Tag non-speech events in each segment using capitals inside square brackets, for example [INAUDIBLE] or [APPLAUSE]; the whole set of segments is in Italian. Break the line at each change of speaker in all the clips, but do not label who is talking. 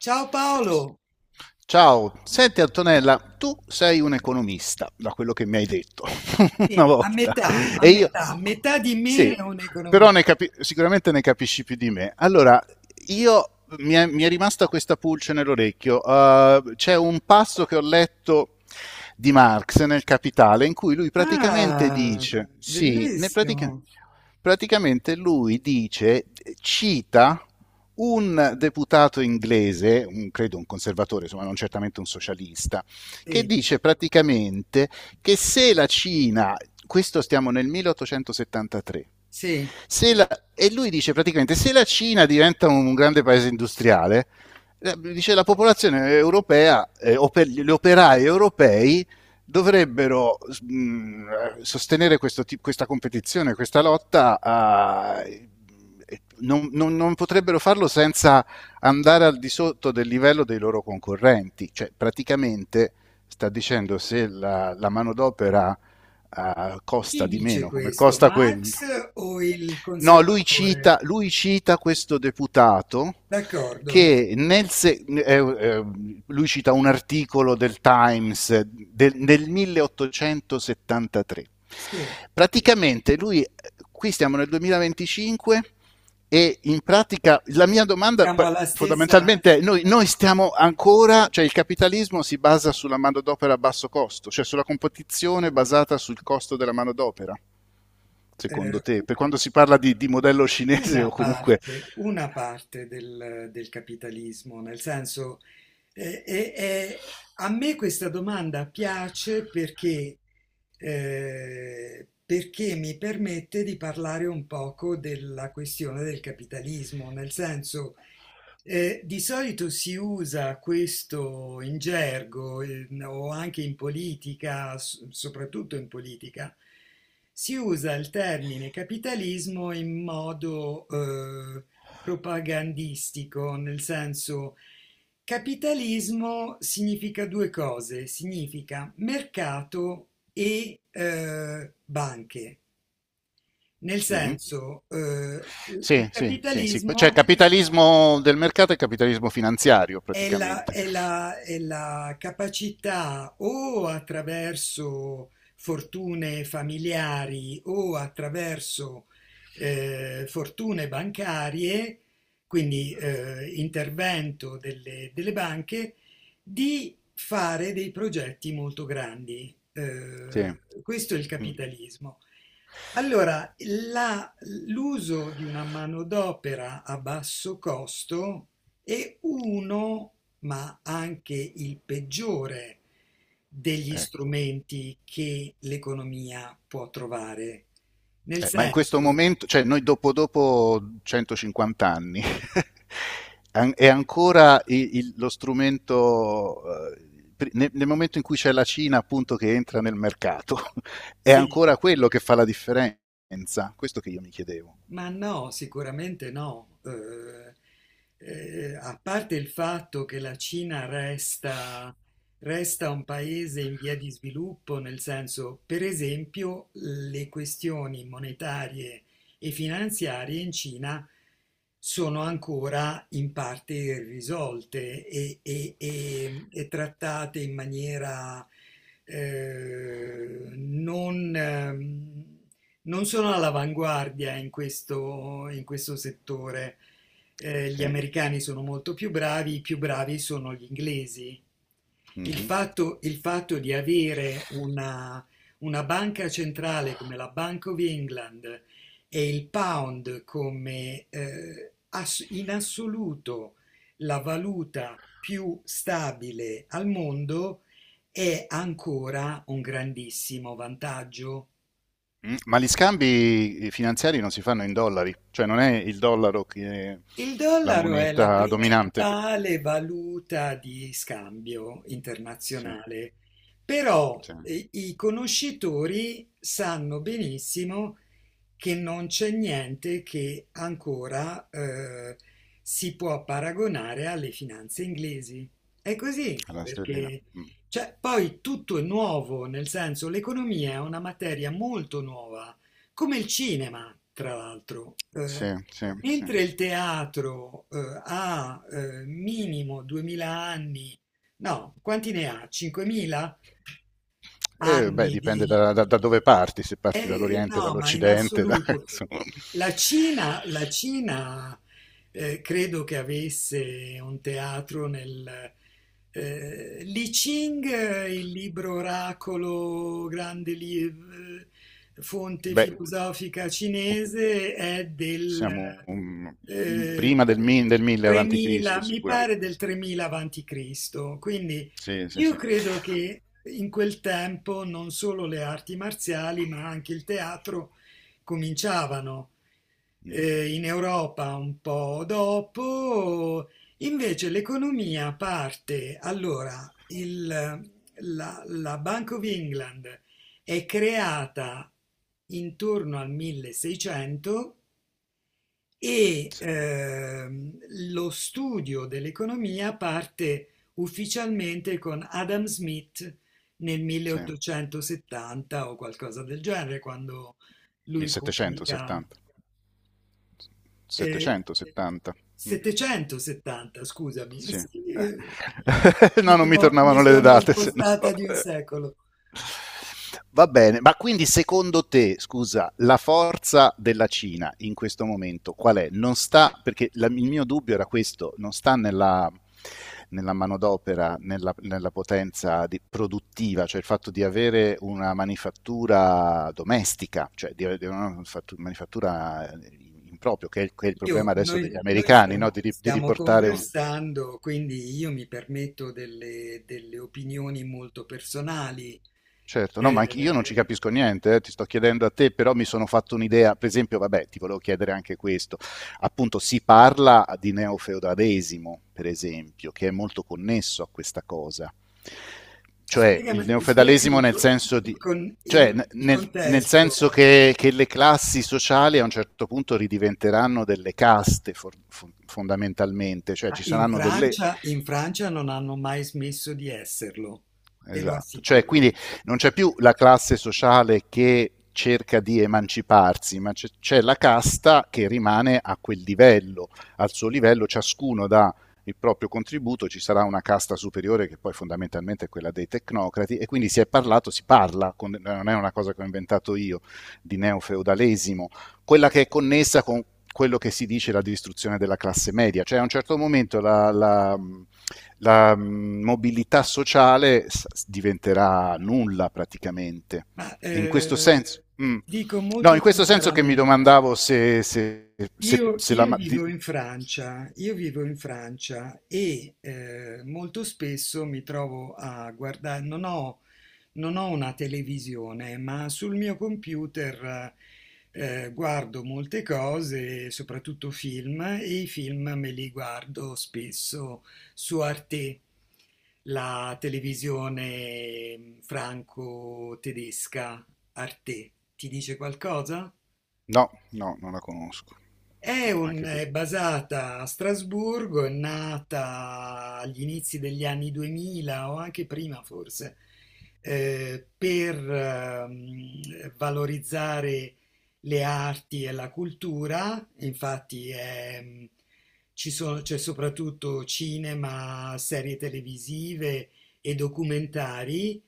Ciao Paolo.
Ciao, senti Antonella, tu sei un economista, da quello che mi hai detto [LAUGHS] una
Sì,
volta,
a
e io
metà, metà di
sì,
me è
Oddio.
un
Però
economista.
sicuramente ne capisci più di me. Allora, io mi è rimasta questa pulce nell'orecchio. C'è un passo che ho letto di Marx nel Capitale, in cui lui praticamente
Ah,
dice, sì,
bellissimo.
praticamente lui dice, cita un deputato inglese, credo un conservatore, insomma non certamente un socialista, che
Sì,
dice praticamente che se la Cina, questo stiamo nel 1873,
sì.
se la- e lui dice praticamente se la Cina diventa un grande paese industriale, dice la popolazione europea, gli operai europei dovrebbero sostenere questo, questa competizione, questa lotta, non potrebbero farlo senza andare al di sotto del livello dei loro concorrenti. Cioè, praticamente sta dicendo se la manodopera costa
Chi
di
dice
meno, come
questo?
costa quel-.
Marx o il
No, lui
conservatore?
cita, lui cita questo deputato
D'accordo?
che nel se- lui cita un articolo del Times del 1873.
Sì,
Praticamente lui, qui stiamo nel 2025, e in pratica la mia domanda
siamo alla stessa.
fondamentalmente è, noi stiamo ancora, cioè il capitalismo si basa sulla manodopera a basso costo, cioè sulla competizione basata sul costo della manodopera,
eh,
secondo te? Per quando si parla di modello cinese o comunque.
Una parte del, del capitalismo, nel senso, a me questa domanda piace perché, perché mi permette di parlare un poco della questione del capitalismo, nel senso, di solito si usa questo in gergo o anche in politica, soprattutto in politica, si usa il termine capitalismo in modo propagandistico, nel senso capitalismo significa due cose, significa mercato e banche, nel
Mhm.
senso il
Sì, sì, sì, sì, cioè
capitalismo.
capitalismo del mercato e capitalismo finanziario
È la,
praticamente.
è la capacità o attraverso fortune familiari o attraverso fortune bancarie, quindi intervento delle, delle banche, di fare dei progetti molto grandi.
Sì, mm,
Questo è il capitalismo. Allora, l'uso di una manodopera a basso costo e uno, ma anche il peggiore, degli
ecco.
strumenti che l'economia può trovare. Nel
Ma in questo
senso,
momento, cioè noi dopo 150 anni, [LAUGHS] è ancora lo strumento, nel momento in cui c'è la Cina appunto che entra nel mercato, [LAUGHS] è
sì.
ancora quello che fa la differenza. Questo che io mi chiedevo.
Ma no, sicuramente no. A parte il fatto che la Cina resta, resta un paese in via di sviluppo, nel senso, per esempio, le questioni monetarie e finanziarie in Cina sono ancora in parte irrisolte e, e trattate in maniera non... non sono all'avanguardia in questo settore. Gli
Sì.
americani sono molto più bravi, i più bravi sono gli inglesi.
Mhm.
Il fatto di avere una banca centrale come la Bank of England e il pound come in assoluto la valuta più stabile al mondo è ancora un grandissimo vantaggio.
Ma gli scambi finanziari non si fanno in dollari, cioè non è il dollaro che è
Il
la
dollaro è la
moneta dominante.
principale valuta di scambio
Sì,
internazionale, però
sì, è
i conoscitori sanno benissimo che non c'è niente che ancora si può paragonare alle finanze inglesi. È così,
la sterlina.
perché
Mm.
cioè, poi tutto è nuovo, nel senso l'economia è una materia molto nuova, come il cinema, tra l'altro.
Sì, sì, sì.
Mentre il teatro ha minimo 2000 anni, no, quanti ne ha? 5000
Beh,
anni
dipende
di,
da dove parti, se parti dall'Oriente,
no, ma in
dall'Occidente, da- [LAUGHS]
assoluto.
insomma.
La Cina credo che avesse un teatro nel... Li Ching, il libro oracolo, grande fonte
Beh,
filosofica cinese, è del
siamo
eh,
prima del 1000 avanti Cristo,
3000, mi pare
sicuramente.
del 3000 avanti Cristo, quindi
Sì, sì,
io
sì.
credo che in quel tempo non solo le arti marziali, ma anche il teatro cominciavano
Mm,
in Europa un po' dopo. Invece l'economia parte, allora, la, la Bank of England è creata intorno al 1600 e
Sì,
lo studio dell'economia parte ufficialmente con Adam Smith nel
sì.
1870 o qualcosa del genere, quando lui pubblica
1770.
eh,
770. Mm.
770, scusami, [LAUGHS]
Sì.
sì,
[LAUGHS] No, non mi
mi
tornavano le
sono
date, se no.
spostata di un secolo.
Va bene, ma quindi secondo te, scusa, la forza della Cina in questo momento qual è? Non sta, perché il mio dubbio era questo, non sta nella manodopera, nella potenza produttiva, cioè il fatto di avere una manifattura domestica, cioè di una manifattura in proprio, che è il problema adesso degli
Noi
americani, no?
stiamo,
Di
stiamo
riportare un.
conversando, quindi io mi permetto delle, delle opinioni molto personali.
Certo, no,
Eh,
ma anche io non ci capisco niente, ti sto chiedendo a te. Però mi sono fatto un'idea, per esempio, vabbè, ti volevo chiedere anche questo, appunto si parla di neofeudalesimo, per esempio, che è molto connesso a questa cosa, cioè il
spiegami,
neofeudalesimo nel senso di,
con
cioè,
il
nel
contesto.
senso che le classi sociali a un certo punto ridiventeranno delle caste fondamentalmente, cioè
Ah,
ci
in
saranno delle,
Francia, in Francia non hanno mai smesso di esserlo, te lo
esatto. Cioè,
assicuro.
quindi non c'è più la classe sociale che cerca di emanciparsi, ma c'è la casta che rimane a quel livello, al suo livello, ciascuno dà il proprio contributo, ci sarà una casta superiore che poi fondamentalmente è quella dei tecnocrati. E quindi si è parlato, si parla, con, non è una cosa che ho inventato io, di neofeudalesimo, quella che è connessa con quello che si dice la distruzione della classe media, cioè a un certo momento la mobilità sociale diventerà nulla praticamente.
Ma
E in questo
eh,
senso.
ti
Mm,
dico
no,
molto
in questo senso che mi
sinceramente.
domandavo se, se, se, se
Io
la. Di.
vivo in Francia, io vivo in Francia e molto spesso mi trovo a guardare, non ho una televisione, ma sul mio computer guardo molte cose, soprattutto film, e i film me li guardo spesso su Arte, la televisione franco-tedesca Arte. Ti dice qualcosa?
No, no, non la conosco.
È,
No, anche per.
è basata a Strasburgo, è nata agli inizi degli anni 2000 o anche prima forse, per valorizzare le arti e la cultura. Infatti è, mm, c'è soprattutto cinema, serie televisive e documentari.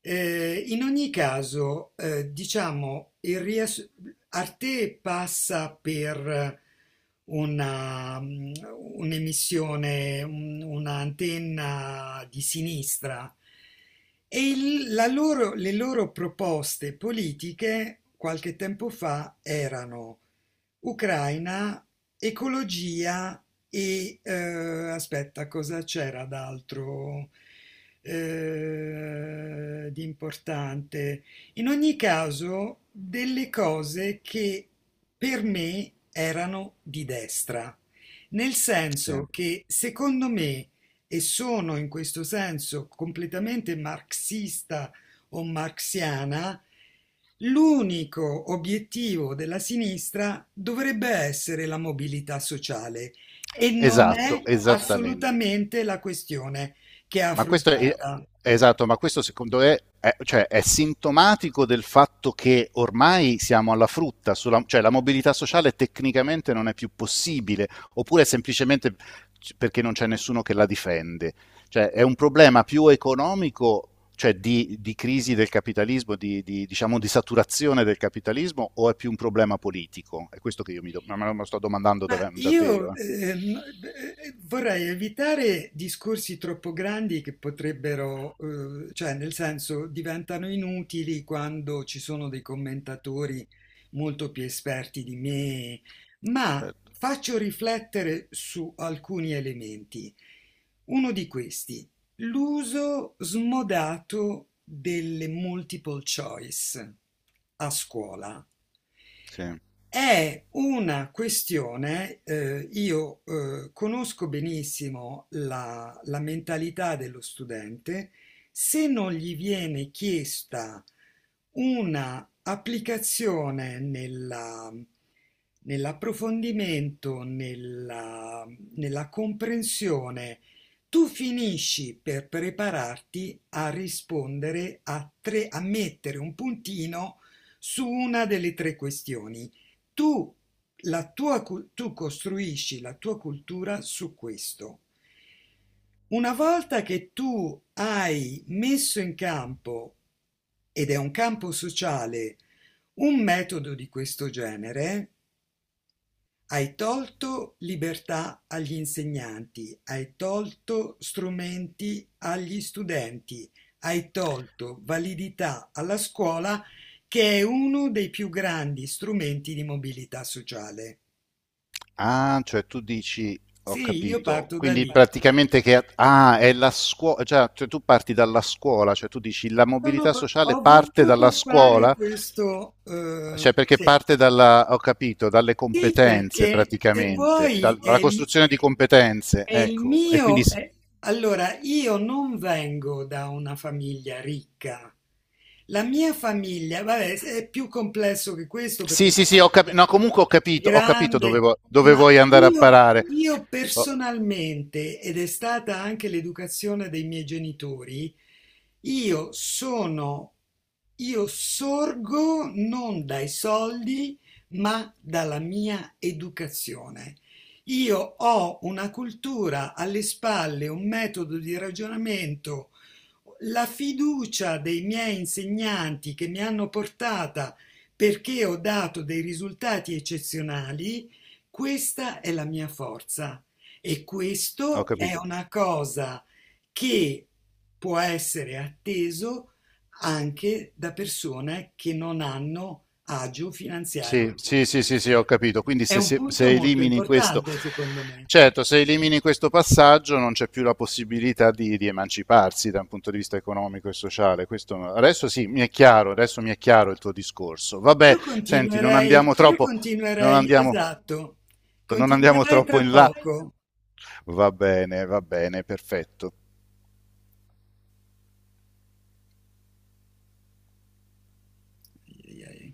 In ogni caso, diciamo, Arte passa per una, mm, un'emissione, un'antenna di sinistra e le loro proposte politiche qualche tempo fa erano Ucraina, ecologia e aspetta, cosa c'era d'altro di importante? In ogni caso, delle cose che per me erano di destra, nel
Sì.
senso che secondo me, e sono in questo senso completamente marxista o marxiana, l'unico obiettivo della sinistra dovrebbe essere la mobilità sociale, e non è
Esatto, esattamente.
assolutamente la questione che è
Ma questo è,
affrontata.
esatto, ma questo secondo te è, cioè, è sintomatico del fatto che ormai siamo alla frutta, cioè la mobilità sociale tecnicamente non è più possibile, oppure è semplicemente perché non c'è nessuno che la difende. Cioè, è un problema più economico, cioè di crisi del capitalismo, diciamo, di saturazione del capitalismo, o è più un problema politico? È questo che io me lo sto domandando
Ma io
davvero.
no- vorrei evitare discorsi troppo grandi che potrebbero, cioè nel senso diventano inutili quando ci sono dei commentatori molto più esperti di me, ma
Certo.
faccio riflettere su alcuni elementi. Uno di questi, l'uso smodato delle multiple choice a scuola.
Sì.
È una questione, io conosco benissimo la, la mentalità dello studente, se non gli viene chiesta una applicazione nella, nell'approfondimento, nella, nella comprensione, tu finisci per prepararti a rispondere a tre, a mettere un puntino su una delle tre questioni. Tu, tu costruisci la tua cultura su questo. Una volta che tu hai messo in campo, ed è un campo sociale, un metodo di questo genere, hai tolto libertà agli insegnanti, hai tolto strumenti agli studenti, hai tolto validità alla scuola che è uno dei più grandi strumenti di mobilità sociale.
Ah, cioè tu dici, ho
Sì, io
capito,
parto da
quindi
lì.
praticamente che, ah, è la scuola, cioè tu parti dalla scuola, cioè tu dici la mobilità sociale
Ho
parte
voluto
dalla
fare
scuola,
questo,
cioè perché
sì.
parte dalla, ho capito, dalle
Sì,
competenze
perché se
praticamente,
vuoi
dalla
è,
costruzione di competenze,
e il
ecco, e quindi
mio,
s-.
allora, io non vengo da una famiglia ricca. La mia famiglia, vabbè, è più complesso che questo perché
Sì,
la
sì, sì, ho
famiglia
capito, no, comunque
è
ho capito dove,
grande,
dove
ma
vuoi andare a
io,
parare,
io
ho,
personalmente, ed è stata anche l'educazione dei miei genitori, io sono, io sorgo non dai soldi, ma dalla mia educazione. Io ho una cultura alle spalle, un metodo di ragionamento, la fiducia dei miei insegnanti che mi hanno portata perché ho dato dei risultati eccezionali, questa è la mia forza. E
ho
questo è
capito.
una cosa che può essere atteso anche da persone che non hanno agio
Sì,
finanziario.
sì, sì, sì, sì, ho capito. Quindi
È
se,
un
se-
punto
se
molto
elimini questo,
importante, secondo me.
certo, se elimini questo passaggio non c'è più la possibilità di emanciparsi da un punto di vista economico e sociale. Questo, adesso sì, mi è chiaro, adesso mi è chiaro il tuo discorso. Vabbè, senti,
Io
non
continuerei,
andiamo,
esatto,
non andiamo
continuerei
troppo
tra
in là.
poco.
Va bene, perfetto.
Ai, ai, ai.